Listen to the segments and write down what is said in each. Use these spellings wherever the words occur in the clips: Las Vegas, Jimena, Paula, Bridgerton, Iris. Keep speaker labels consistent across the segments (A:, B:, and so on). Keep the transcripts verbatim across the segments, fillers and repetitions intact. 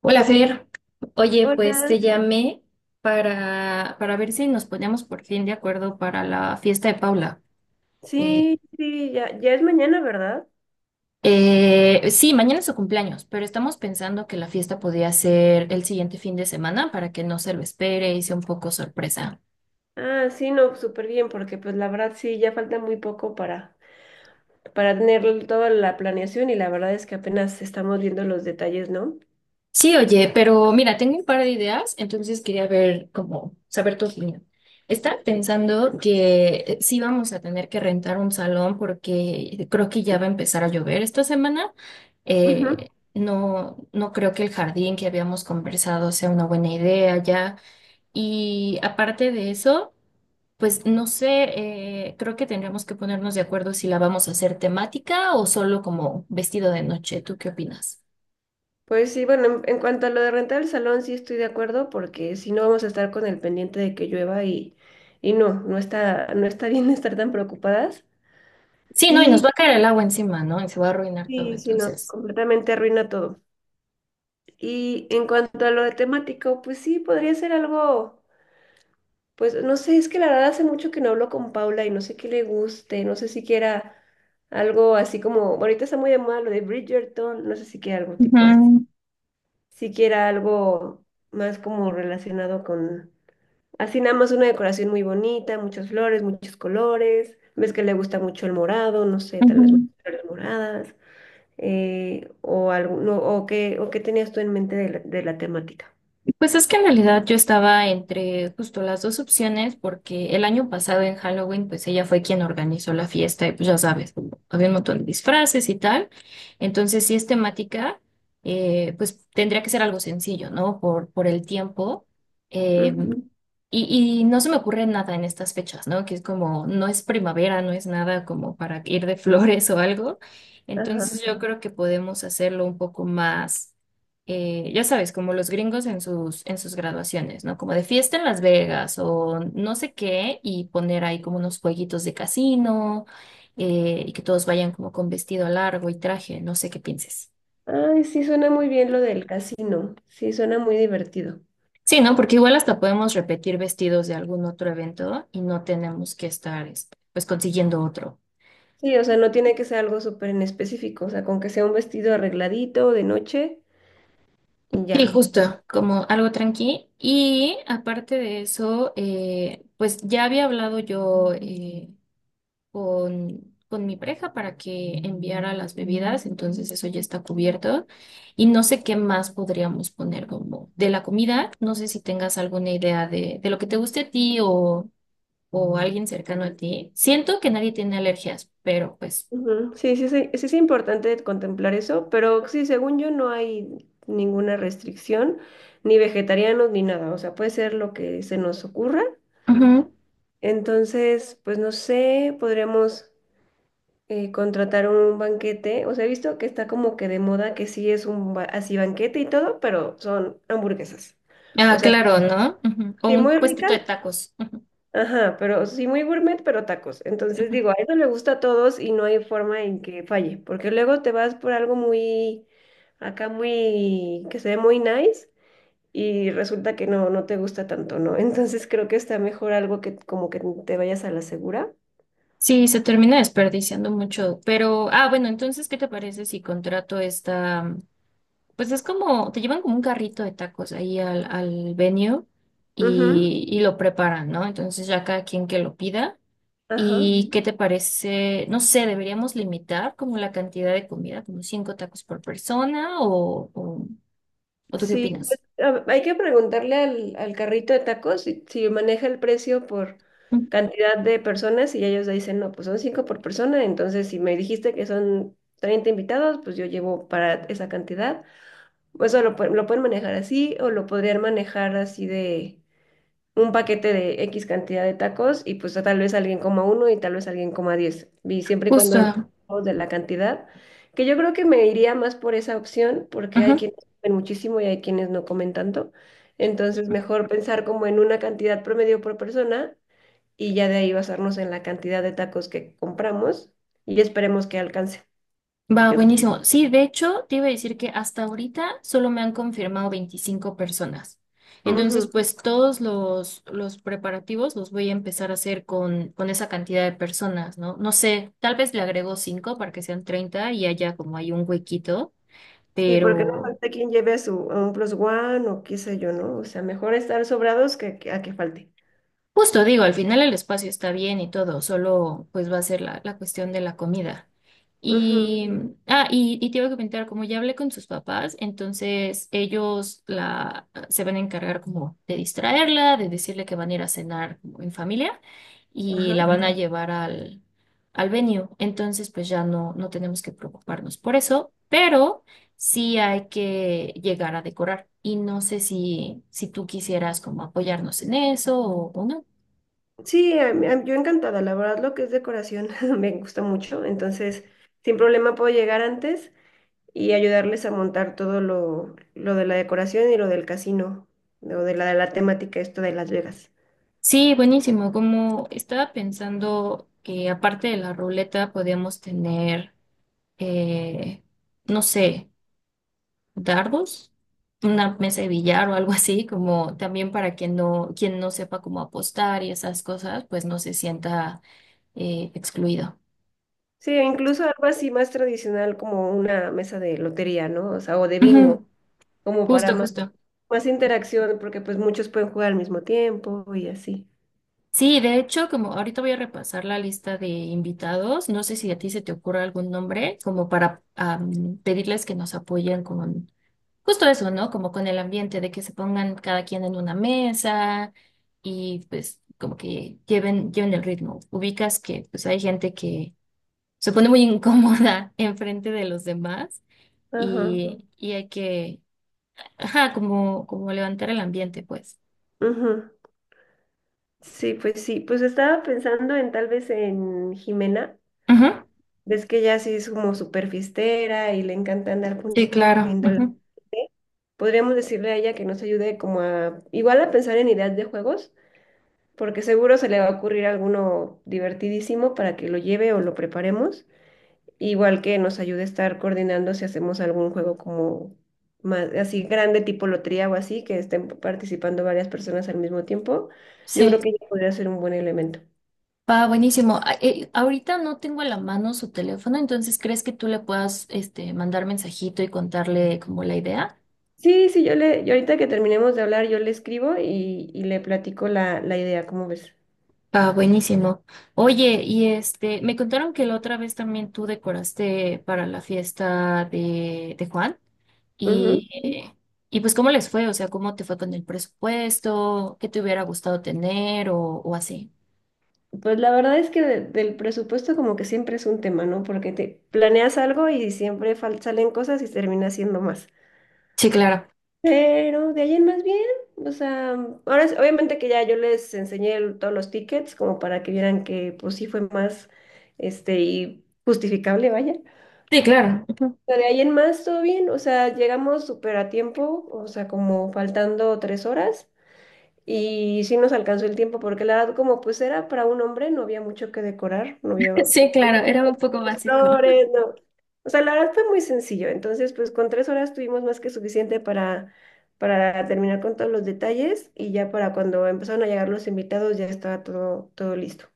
A: Hola, Fer. Oye, pues
B: Hola,
A: te llamé para, para ver si nos poníamos por fin de acuerdo para la fiesta de Paula. Eh,
B: sí, sí, ya, ya es mañana, ¿verdad?
A: eh, sí, mañana es su cumpleaños, pero estamos pensando que la fiesta podía ser el siguiente fin de semana para que no se lo espere y sea un poco sorpresa.
B: Ah, sí, no, súper bien, porque pues la verdad sí, ya falta muy poco para, para tener toda la planeación y la verdad es que apenas estamos viendo los detalles, ¿no?
A: Sí, oye, pero mira, tengo un par de ideas, entonces quería ver cómo, saber tu opinión. Estaba pensando que eh, sí vamos a tener que rentar un salón porque creo que ya va a empezar a llover esta semana.
B: Ujú.
A: Eh, no, no creo que el jardín que habíamos conversado sea una buena idea ya. Y aparte de eso, pues no sé, eh, creo que tendríamos que ponernos de acuerdo si la vamos a hacer temática o solo como vestido de noche. ¿Tú qué opinas?
B: Pues sí, bueno, en, en cuanto a lo de rentar el salón, sí estoy de acuerdo, porque si no vamos a estar con el pendiente de que llueva y, y no, no está, no está bien estar tan preocupadas.
A: Sí, no, y nos
B: Y
A: va a caer el agua encima, ¿no? Y se va a arruinar todo,
B: sí, sí, no,
A: entonces.
B: completamente arruina todo. Y en cuanto a lo de temático, pues sí, podría ser algo. Pues no sé, es que la verdad hace mucho que no hablo con Paula y no sé qué le guste, no sé si quiera algo así como, bueno, ahorita está muy de moda lo de Bridgerton, no sé si quiera algo tipo así,
A: Ujú,
B: si quiera algo más como relacionado con, así nada más una decoración muy bonita, muchas flores, muchos colores, ves que le gusta mucho el morado, no sé, tal vez
A: ujú.
B: muchas flores moradas, eh, o algo, no, o qué, o qué tenías tú en mente de la, de la, temática.
A: Pues es que en realidad yo estaba entre justo las dos opciones porque el año pasado en Halloween pues ella fue quien organizó la fiesta y pues ya sabes, había un montón de disfraces y tal. Entonces si es temática, eh, pues tendría que ser algo sencillo, ¿no? Por, por el tiempo. Eh,
B: Ujú.
A: y, y no se me ocurre nada en estas fechas, ¿no? Que es como, no es primavera, no es nada como para ir de flores o algo.
B: Ajá.
A: Entonces yo creo que podemos hacerlo un poco más eh, ya sabes, como los gringos en sus, en sus graduaciones, ¿no? Como de fiesta en Las Vegas o no sé qué, y poner ahí como unos jueguitos de casino, eh, y que todos vayan como con vestido largo y traje, no sé qué pienses.
B: Ay, sí suena muy bien lo del casino. Sí, suena muy divertido.
A: Sí, ¿no? Porque igual hasta podemos repetir vestidos de algún otro evento y no tenemos que estar, este, pues, consiguiendo otro.
B: Sí, o sea, no tiene que ser algo súper en específico, o sea, con que sea un vestido arregladito de noche y
A: Sí,
B: ya.
A: justo, como algo tranqui. Y aparte de eso, eh, pues ya había hablado yo. eh, con, con mi pareja para que enviara las bebidas, entonces eso ya está cubierto. Y no sé qué más podríamos poner como de la comida, no sé si tengas alguna idea de, de lo que te guste a ti o, o alguien cercano a ti. Siento que nadie tiene alergias, pero pues.
B: Ujú. Sí, sí, sí, sí es importante contemplar eso, pero sí, según yo no hay ninguna restricción, ni vegetarianos ni nada, o sea, puede ser lo que se nos ocurra.
A: Ujú.
B: Entonces, pues no sé, podríamos eh, contratar un banquete. O sea, he visto que está como que de moda que sí es un ba- así banquete y todo, pero son hamburguesas. O
A: Ah,
B: sea,
A: claro, ¿no? Ujú. O
B: sí
A: un
B: muy
A: puestito de
B: ricas,
A: tacos. Ujú,
B: ajá, pero sí muy gourmet, pero tacos. Entonces
A: ujú.
B: digo, a eso le gusta a todos y no hay forma en que falle, porque luego te vas por algo muy, acá muy, que se ve muy nice. Y resulta que no, no te gusta tanto, ¿no? Entonces creo que está mejor algo que como que te vayas a la segura.
A: Sí, se termina desperdiciando mucho, pero, ah, bueno, entonces, ¿qué te parece si contrato esta. Pues es como, te llevan como un carrito de tacos ahí al, al venue
B: Ujú,
A: y, y lo preparan, ¿no? Entonces ya cada quien que lo pida.
B: ajá.
A: ¿Y qué te parece? No sé, deberíamos limitar como la cantidad de comida, como cinco tacos por persona o, o, ¿o tú qué
B: Sí, pues,
A: opinas?
B: a- hay que preguntarle al, al carrito de tacos si, si maneja el precio por
A: Mm,
B: cantidad de personas y ellos dicen, no, pues son cinco por persona, entonces si me dijiste que son treinta invitados, pues yo llevo para esa cantidad. Pues, eso lo, pue- lo pueden manejar así o lo podrían manejar así de un paquete de equis cantidad de tacos y pues tal vez alguien coma uno y tal vez alguien coma diez. Y siempre y cuando no
A: Justo.
B: hablemos de la cantidad, que yo creo que me iría más por esa opción porque hay
A: Ujú.
B: quienes comen muchísimo y hay quienes no comen tanto. Entonces mejor pensar como en una cantidad promedio por persona y ya de ahí basarnos en la cantidad de tacos que compramos y esperemos que alcance.
A: Va,
B: Yo
A: buenísimo. Sí, de hecho, te iba a decir que hasta ahorita solo me han confirmado veinticinco personas.
B: creo-
A: Entonces,
B: Ujú.
A: pues todos los, los preparativos los voy a empezar a hacer con, con esa cantidad de personas, ¿no? No sé, tal vez le agrego cinco para que sean treinta y haya como hay un huequito,
B: Sí, porque no
A: pero.
B: falta quien lleve su un plus one o qué sé yo, ¿no? O sea, mejor estar sobrados que, que- a que falte.
A: Justo digo, al final el espacio está bien y todo, solo pues va a ser la, la cuestión de la comida.
B: Ujú,
A: Y, mm, ah, y, y te iba a comentar, como ya hablé con sus papás, entonces ellos la, ah, se van a encargar como de distraerla, de decirle que van a ir a cenar como en familia y
B: ajá.
A: la van a llevar al, al venue. Entonces pues ya no, no tenemos que preocuparnos por eso, pero sí hay que llegar a decorar. Y no sé si, si tú quisieras como apoyarnos en eso o o no.
B: Sí, a mí- a- yo encantada, la verdad lo que es decoración me gusta mucho, entonces sin problema puedo llegar antes y ayudarles a montar todo lo, lo de la decoración y lo del casino, lo de la, de la temática esto de Las Vegas.
A: Sí, buenísimo. Como estaba pensando que aparte de la ruleta podíamos tener, eh, no sé, dardos, una mesa de billar o algo así, como también para quien no, quien no sepa cómo apostar y esas cosas, pues no se sienta eh, excluido.
B: Sí, e incluso algo así más tradicional como una mesa de lotería, ¿no? O sea, o de bingo,
A: Ujú.
B: como para
A: Justo,
B: más,
A: justo.
B: más interacción, porque pues muchos pueden jugar al mismo tiempo y así.
A: Sí, de hecho, como ahorita voy a repasar la lista de invitados, no sé si a ti se te ocurre algún nombre, como para am, pedirles que nos apoyen con justo eso, ¿no? Como con el ambiente de que se pongan cada quien en una mesa y pues como que lleven, lleven el ritmo. Ubicas que pues hay gente que se pone muy incómoda enfrente de los demás
B: Ajá.
A: y, y hay que, ajá, como, como levantar el ambiente, pues.
B: Ujú. Sí, pues sí, pues estaba pensando en tal vez en Jimena.
A: Ujú.
B: Ves que ella sí es como súper fiestera y le encanta andar
A: Sí, claro.
B: poniendo la
A: Ujú.
B: gente. Podríamos decirle a ella que nos ayude como a, igual a pensar en ideas de juegos, porque seguro se le va a ocurrir alguno divertidísimo para que lo lleve o lo preparemos. Igual que nos ayude a estar coordinando si hacemos algún juego como más, así grande, tipo lotería o así, que estén participando varias personas al mismo tiempo. Yo
A: Sí.
B: creo que ella podría ser un buen elemento.
A: Va, buenísimo. A- eh, ahorita no tengo a la mano su teléfono, entonces ¿crees que tú le puedas este, mandar mensajito y contarle como la idea?
B: Sí, sí, yo le, yo ahorita que terminemos de hablar, yo le escribo y, y le platico la, la idea, ¿cómo ves?
A: Ah, buenísimo. Oye, y este, me contaron que la otra vez también tú decoraste para la fiesta de, de Juan
B: Ujú.
A: y, eh, y pues ¿cómo les fue? O sea, ¿cómo te fue con el presupuesto? ¿Qué te hubiera gustado tener o, o así?
B: Pues la verdad es que de- del presupuesto como que siempre es un tema, ¿no? Porque te planeas algo y siempre fal- salen cosas y termina siendo más.
A: Sí, claro.
B: Pero de ahí en más bien, o sea, ahora es- obviamente que ya yo les enseñé el- todos los tickets como para que vieran que pues sí fue más, este, y justificable, vaya.
A: Sí, claro. Ujú.
B: Pero de ahí en más, todo bien, o sea, llegamos súper a tiempo, o sea, como faltando tres horas. Y sí nos alcanzó el tiempo porque la verdad, como pues era para un hombre, no había mucho que decorar, no había
A: Sí, claro, era un poco básico.
B: flores, no. O sea, la verdad fue muy sencillo. Entonces, pues con tres horas tuvimos más que suficiente para, para terminar con todos los detalles y ya para cuando empezaron a llegar los invitados ya estaba todo, todo listo.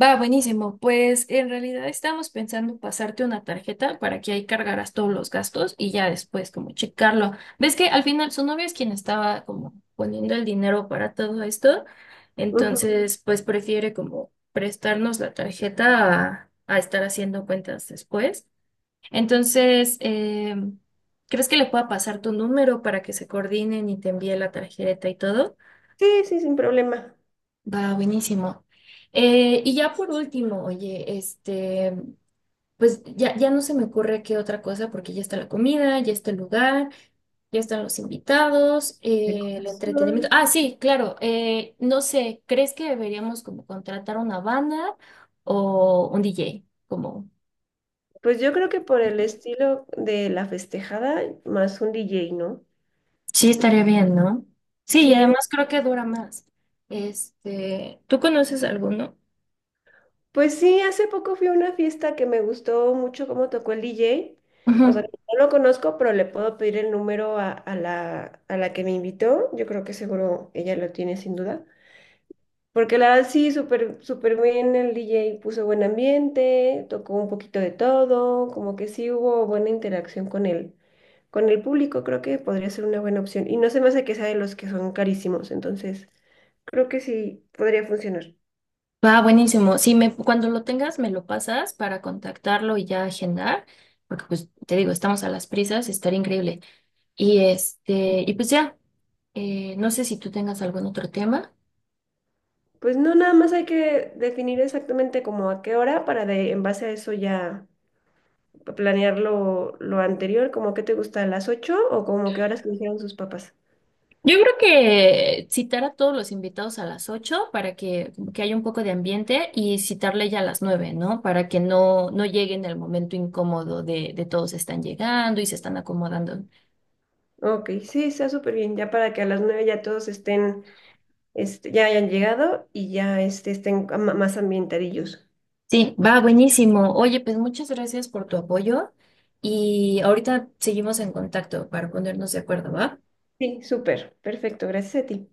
A: Va, buenísimo. Pues en realidad estábamos pensando pasarte una tarjeta para que ahí cargaras todos los gastos y ya después como checarlo. ¿Ves que al final su novia es quien estaba como poniendo el dinero para todo esto?
B: Ujú.
A: Entonces, pues prefiere como prestarnos la tarjeta a, a estar haciendo cuentas después. Entonces, em, ¿crees que le pueda pasar tu número para que se coordinen y te envíe la tarjeta y todo?
B: Sí, sí, sin problema.
A: Va, buenísimo. Eh, y ya por último, oye, este, pues ya, ya no se me ocurre qué otra cosa, porque ya está la comida, ya está el lugar, ya están los invitados, eh, el
B: Decoración.
A: entretenimiento. Ah, sí, claro, eh, no sé, ¿crees que deberíamos como contratar una banda o un D J? Como,
B: Pues yo creo que por el estilo de la festejada, más un D J, ¿no?
A: sí, estaría bien, ¿no? Sí, y
B: Sí,
A: además creo que dura más. Este, ¿tú conoces alguno?
B: pues sí, hace poco fui a una fiesta que me gustó mucho cómo tocó el D J. O sea,
A: Ujú.
B: no lo conozco, pero le puedo pedir el número a, a la, a la que me invitó. Yo creo que seguro ella lo tiene sin duda. Porque la verdad sí, súper, súper bien el D J puso buen ambiente, tocó un poquito de todo, como que sí hubo buena interacción con el, con el, público, creo que podría ser una buena opción. Y no se me hace que sea de los que son carísimos, entonces creo que sí podría funcionar.
A: Va, buenísimo. Sí, me, cuando lo tengas, me lo pasas para contactarlo y ya agendar, porque pues te digo, estamos a las prisas, estaría increíble. Y este, y pues ya, eh, no sé si tú tengas algún otro tema.
B: Pues no, nada más hay que definir exactamente como a qué hora para de, en base a eso ya planear lo, lo anterior, como que te gusta a las ocho o como qué horas te dijeron sus papás.
A: Yo creo que citar a todos los invitados a las ocho para que, como que haya un poco de ambiente y citarle ya a las nueve, ¿no? Para que no, no llegue en el momento incómodo de, de todos están llegando y se están acomodando.
B: Ok, sí, está súper bien, ya para que a las nueve ya todos estén, este, ya hayan llegado y ya este, estén am- más ambientadillos.
A: Sí, va buenísimo. Oye, pues muchas gracias por tu apoyo y ahorita seguimos en contacto para ponernos de acuerdo, ¿va?
B: Sí, súper, perfecto, gracias a ti.